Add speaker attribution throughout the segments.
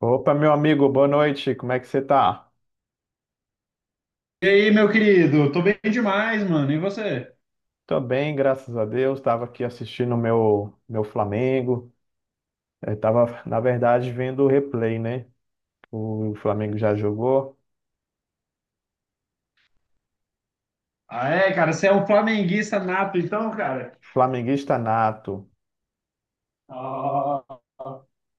Speaker 1: Opa, meu amigo, boa noite. Como é que você tá?
Speaker 2: E aí, meu querido? Tô bem demais, mano. E você?
Speaker 1: Tô bem, graças a Deus. Tava aqui assistindo o meu Flamengo. Eu tava, na verdade, vendo o replay, né? O Flamengo já jogou.
Speaker 2: Ah, é, cara, você é um flamenguista nato, então, cara?
Speaker 1: Flamenguista nato.
Speaker 2: Ah.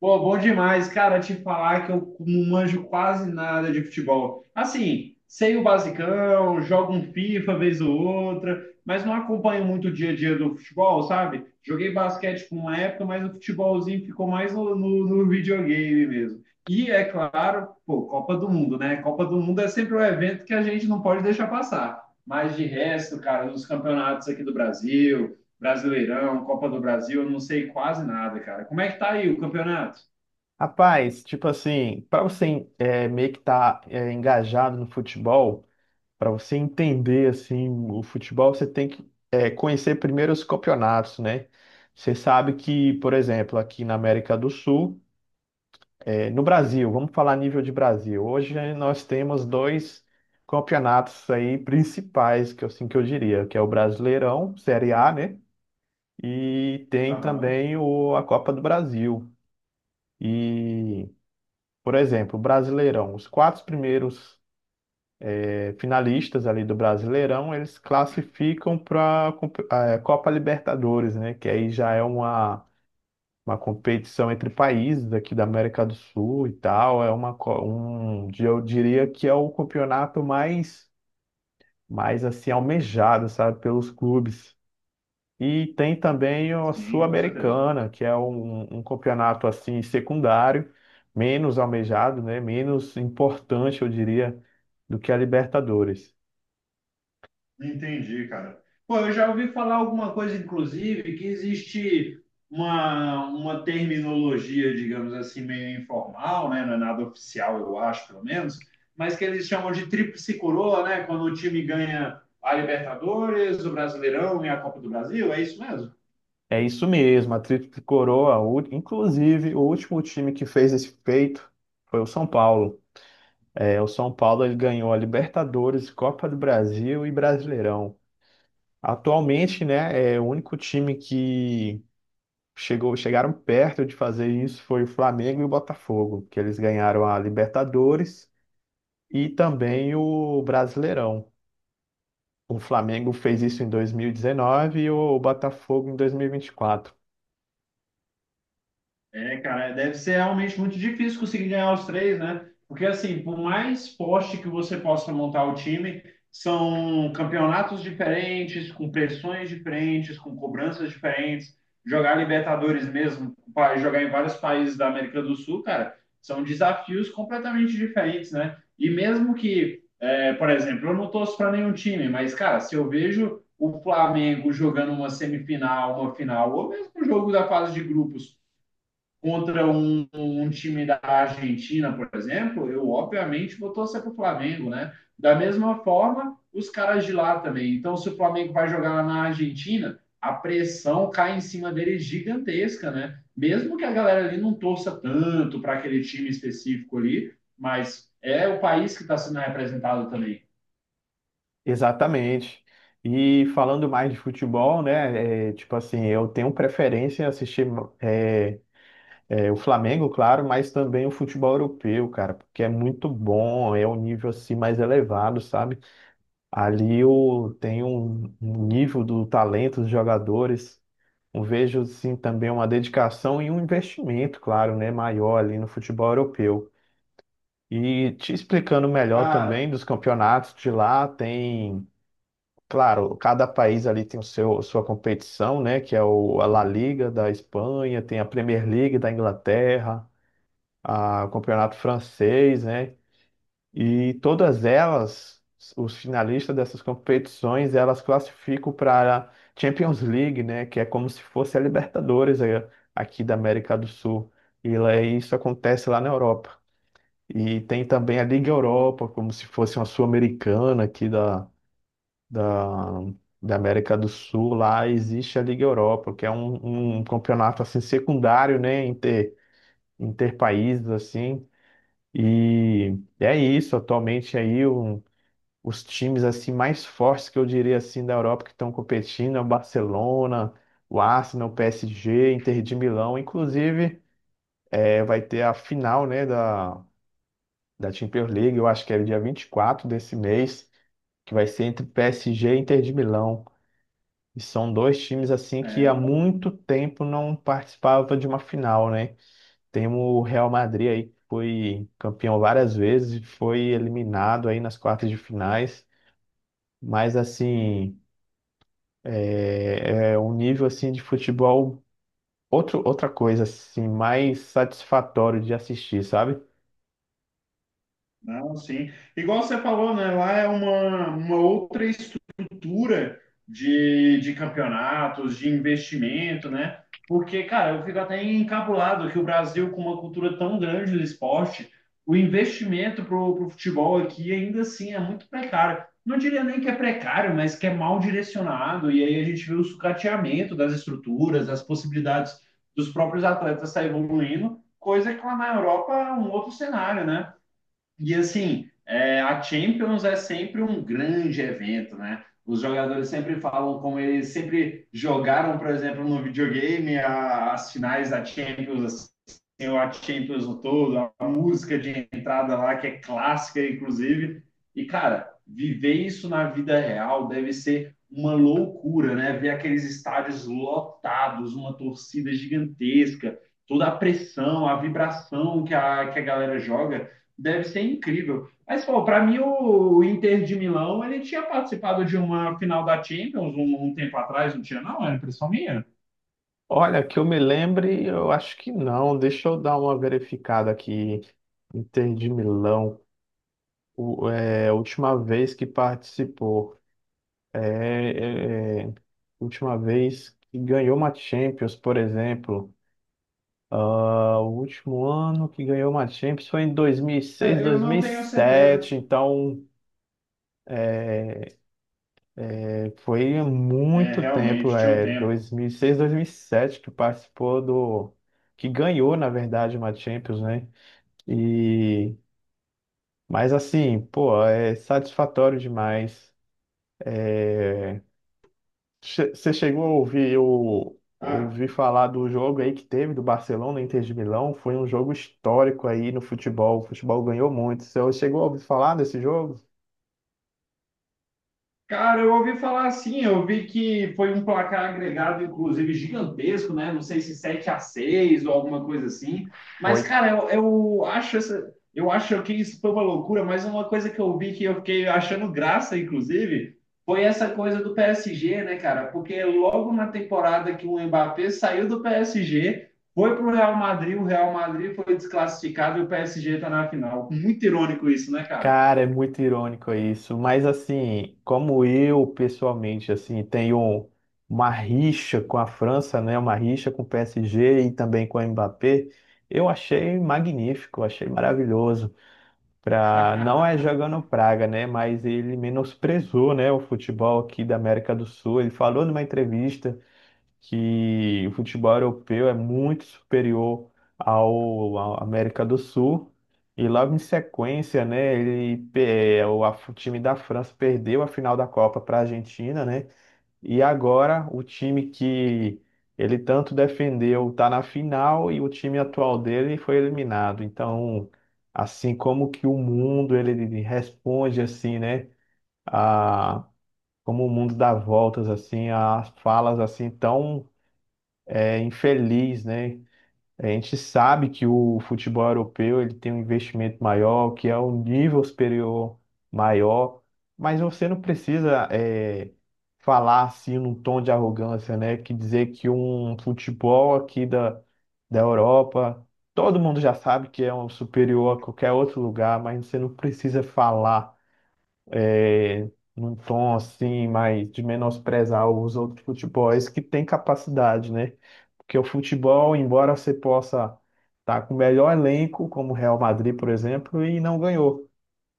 Speaker 2: Pô, bom demais, cara, te falar que eu não manjo quase nada de futebol. Assim, sei o basicão, jogo um FIFA vez ou outra, mas não acompanho muito o dia a dia do futebol, sabe? Joguei basquete por uma época, mas o futebolzinho ficou mais no videogame mesmo. E, é claro, pô, Copa do Mundo, né? Copa do Mundo é sempre um evento que a gente não pode deixar passar. Mas de resto, cara, os campeonatos aqui do Brasil. Brasileirão, Copa do Brasil, eu não sei quase nada, cara. Como é que tá aí o campeonato?
Speaker 1: Rapaz, tipo assim, para você meio que tá engajado no futebol, para você entender assim o futebol, você tem que conhecer primeiro os campeonatos, né? Você sabe que, por exemplo, aqui na América do Sul. No Brasil, vamos falar a nível de Brasil. Hoje nós temos dois campeonatos aí principais, que eu, assim que eu diria, que é o Brasileirão, Série A, né? E tem
Speaker 2: Aham,
Speaker 1: também a Copa do Brasil. E, por exemplo, o Brasileirão, os quatro primeiros finalistas ali do Brasileirão, eles classificam para a Copa Libertadores, né? Que aí já é uma competição entre países aqui da América do Sul e tal. É um, eu diria que é o campeonato mais assim almejado, sabe, pelos clubes. E tem também a
Speaker 2: sim, com certeza.
Speaker 1: Sul-Americana, que é um campeonato assim secundário, menos almejado, né, menos importante, eu diria, do que a Libertadores.
Speaker 2: Entendi, cara. Pô, eu já ouvi falar alguma coisa, inclusive, que existe uma terminologia, digamos assim, meio informal, né? Não é nada oficial, eu acho, pelo menos, mas que eles chamam de tríplice coroa, né? Quando o time ganha a Libertadores, o Brasileirão e a Copa do Brasil, é isso mesmo?
Speaker 1: É isso mesmo, a Tríplice Coroa. Inclusive o último time que fez esse feito foi o São Paulo. É, o São Paulo ele ganhou a Libertadores, Copa do Brasil e Brasileirão. Atualmente, né, é o único time que chegaram perto de fazer isso foi o Flamengo e o Botafogo, que eles ganharam a Libertadores e também o Brasileirão. O Flamengo fez isso em 2019 e dezenove e o Botafogo em 2024.
Speaker 2: É, cara, deve ser realmente muito difícil conseguir ganhar os três, né? Porque, assim, por mais poste que você possa montar o time, são campeonatos diferentes, com pressões diferentes, com cobranças diferentes. Jogar Libertadores mesmo, jogar em vários países da América do Sul, cara, são desafios completamente diferentes, né? E mesmo que, é, por exemplo, eu não torço para nenhum time, mas, cara, se eu vejo o Flamengo jogando uma semifinal, uma final, ou mesmo o jogo da fase de grupos contra um time da Argentina, por exemplo, eu obviamente vou torcer para o Flamengo, né? Da mesma forma, os caras de lá também. Então, se o Flamengo vai jogar lá na Argentina, a pressão cai em cima dele gigantesca, né? Mesmo que a galera ali não torça tanto para aquele time específico ali, mas é o país que está sendo representado também.
Speaker 1: Exatamente. E falando mais de futebol, né, tipo assim, eu tenho preferência em assistir é, o Flamengo, claro, mas também o futebol europeu, cara, porque é muito bom, é um nível assim mais elevado, sabe? Ali eu tenho um nível do talento dos jogadores, eu vejo assim também uma dedicação e um investimento, claro, né, maior ali no futebol europeu. E te explicando melhor também
Speaker 2: Cara,
Speaker 1: dos campeonatos de lá, tem, claro, cada país ali tem o seu sua competição, né, que é a La Liga da Espanha, tem a Premier League da Inglaterra, o campeonato francês, né? E todas elas, os finalistas dessas competições, elas classificam para a Champions League, né? Que é como se fosse a Libertadores aqui da América do Sul. E isso acontece lá na Europa. E tem também a Liga Europa, como se fosse uma Sul-Americana aqui da, da América do Sul. Lá existe a Liga Europa, que é um campeonato assim secundário, né? Interpaíses assim e é isso, atualmente aí os times assim mais fortes que eu diria assim da Europa que estão competindo é o Barcelona, o Arsenal, o PSG, Inter de Milão, inclusive vai ter a final, né, da Champions League, eu acho que é dia 24 desse mês, que vai ser entre PSG e Inter de Milão. E são dois times assim que há
Speaker 2: é,
Speaker 1: muito tempo não participavam de uma final, né? Temos o Real Madrid aí, que foi campeão várias vezes, foi eliminado aí nas quartas de finais, mas assim, é um nível assim de futebol, outra coisa assim, mais satisfatório de assistir, sabe?
Speaker 2: Não, sim. Igual você falou, né? Lá é uma outra estrutura de campeonatos, de investimento, né? Porque, cara, eu fico até encabulado que o Brasil, com uma cultura tão grande do esporte, o investimento pro futebol aqui ainda assim é muito precário. Não diria nem que é precário, mas que é mal direcionado. E aí a gente vê o sucateamento das estruturas, das possibilidades dos próprios atletas estar evoluindo, coisa que lá na Europa é um outro cenário, né? E assim, é, a Champions é sempre um grande evento, né? Os jogadores sempre falam como eles sempre jogaram, por exemplo, no videogame, as finais da Champions, assim, a Champions no todo, a música de entrada lá, que é clássica, inclusive. E, cara, viver isso na vida real deve ser uma loucura, né? Ver aqueles estádios lotados, uma torcida gigantesca, toda a pressão, a vibração que que a galera joga. Deve ser incrível. Mas, pô, para mim, o Inter de Milão, ele tinha participado de uma final da Champions um tempo atrás, não tinha, não? Era impressão minha?
Speaker 1: Olha, que eu me lembre, eu acho que não, deixa eu dar uma verificada aqui, Inter de Milão, a última vez que participou, é, é, é, última vez que ganhou uma Champions, por exemplo, ah, o último ano que ganhou uma Champions foi em 2006,
Speaker 2: É, eu não tenho certeza.
Speaker 1: sete. Então foi
Speaker 2: É,
Speaker 1: muito tempo,
Speaker 2: realmente, tinha um tempo.
Speaker 1: 2006, sete, que participou do que ganhou, na verdade, uma Champions, né? E mas assim, pô, é satisfatório demais. Você chegou a ouvir o
Speaker 2: Ah,
Speaker 1: ouvir falar do jogo aí que teve do Barcelona e Inter de Milão? Foi um jogo histórico aí no futebol. O futebol ganhou muito. Você chegou a ouvir falar desse jogo?
Speaker 2: cara, eu ouvi falar assim, eu vi que foi um placar agregado, inclusive, gigantesco, né? Não sei se 7 a 6 ou alguma coisa assim. Mas,
Speaker 1: Foi
Speaker 2: cara, eu acho essa, eu acho que isso foi uma loucura, mas uma coisa que eu vi que eu fiquei achando graça, inclusive, foi essa coisa do PSG, né, cara? Porque logo na temporada que o Mbappé saiu do PSG, foi pro Real Madrid, o Real Madrid foi desclassificado e o PSG tá na final. Muito irônico isso, né, cara?
Speaker 1: Cara, é muito irônico isso, mas assim, como eu pessoalmente assim tenho uma rixa com a França, né, uma rixa com o PSG e também com o Mbappé, eu achei magnífico, achei maravilhoso. Não é jogando praga, né, mas ele menosprezou, né, o futebol aqui da América do Sul. Ele falou numa entrevista que o futebol europeu é muito superior à América do Sul. E logo em sequência, né, ele, o time da França perdeu a final da Copa para a Argentina, né? E agora o time que ele tanto defendeu está na final e o time atual dele foi eliminado. Então, assim como que o mundo ele responde assim, né? A, Como o mundo dá voltas assim, as falas assim tão infeliz, né? A gente sabe que o futebol europeu ele tem um investimento maior, que é um nível superior maior, mas você não precisa falar assim num tom de arrogância, né? Que dizer que um futebol aqui da Europa, todo mundo já sabe que é um superior a qualquer outro lugar, mas você não precisa falar é, num tom assim, mais de menosprezar os outros futebols que têm capacidade, né? Porque o futebol, embora você possa estar com o melhor elenco, como o Real Madrid, por exemplo, e não ganhou.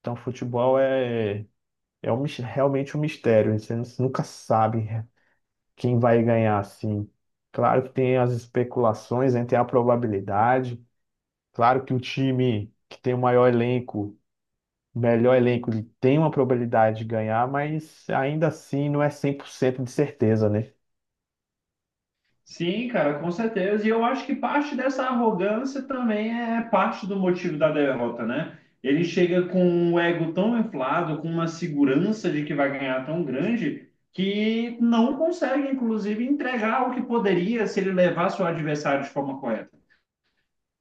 Speaker 1: Então, futebol é um realmente um mistério. Né? Você nunca sabe quem vai ganhar, assim. Claro que tem as especulações, né? Tem a probabilidade. Claro que o time que tem o maior elenco melhor elenco, ele tem uma probabilidade de ganhar, mas ainda assim não é 100% de certeza, né?
Speaker 2: Sim, cara, com certeza. E eu acho que parte dessa arrogância também é parte do motivo da derrota, né? Ele chega com um ego tão inflado, com uma segurança de que vai ganhar tão grande, que não consegue, inclusive, entregar o que poderia se ele levasse o adversário de forma correta.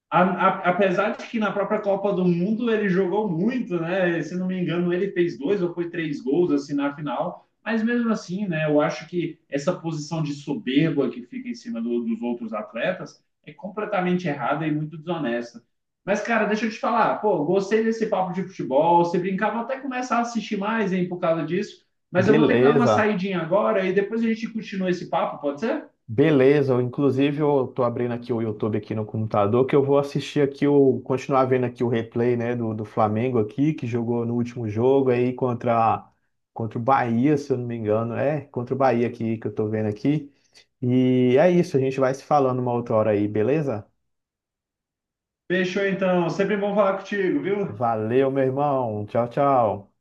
Speaker 2: Apesar de que na própria Copa do Mundo ele jogou muito, né? Se não me engano, ele fez dois ou foi três gols assim na final. Mas mesmo assim, né? Eu acho que essa posição de soberba que fica em cima do, dos outros atletas é completamente errada e muito desonesta. Mas, cara, deixa eu te falar, pô, gostei desse papo de futebol. Você brincava até começar a assistir mais, hein, por causa disso. Mas eu vou ter que dar uma
Speaker 1: Beleza,
Speaker 2: saidinha agora e depois a gente continua esse papo, pode ser?
Speaker 1: beleza. Inclusive, eu tô abrindo aqui o YouTube aqui no computador, que eu vou assistir aqui continuar vendo aqui o replay, né, do Flamengo aqui, que jogou no último jogo aí contra o Bahia, se eu não me engano. É, contra o Bahia aqui que eu tô vendo aqui. E é isso, a gente vai se falando uma outra hora aí, beleza?
Speaker 2: Fechou então, sempre bom falar contigo, viu?
Speaker 1: Valeu, meu irmão. Tchau, tchau.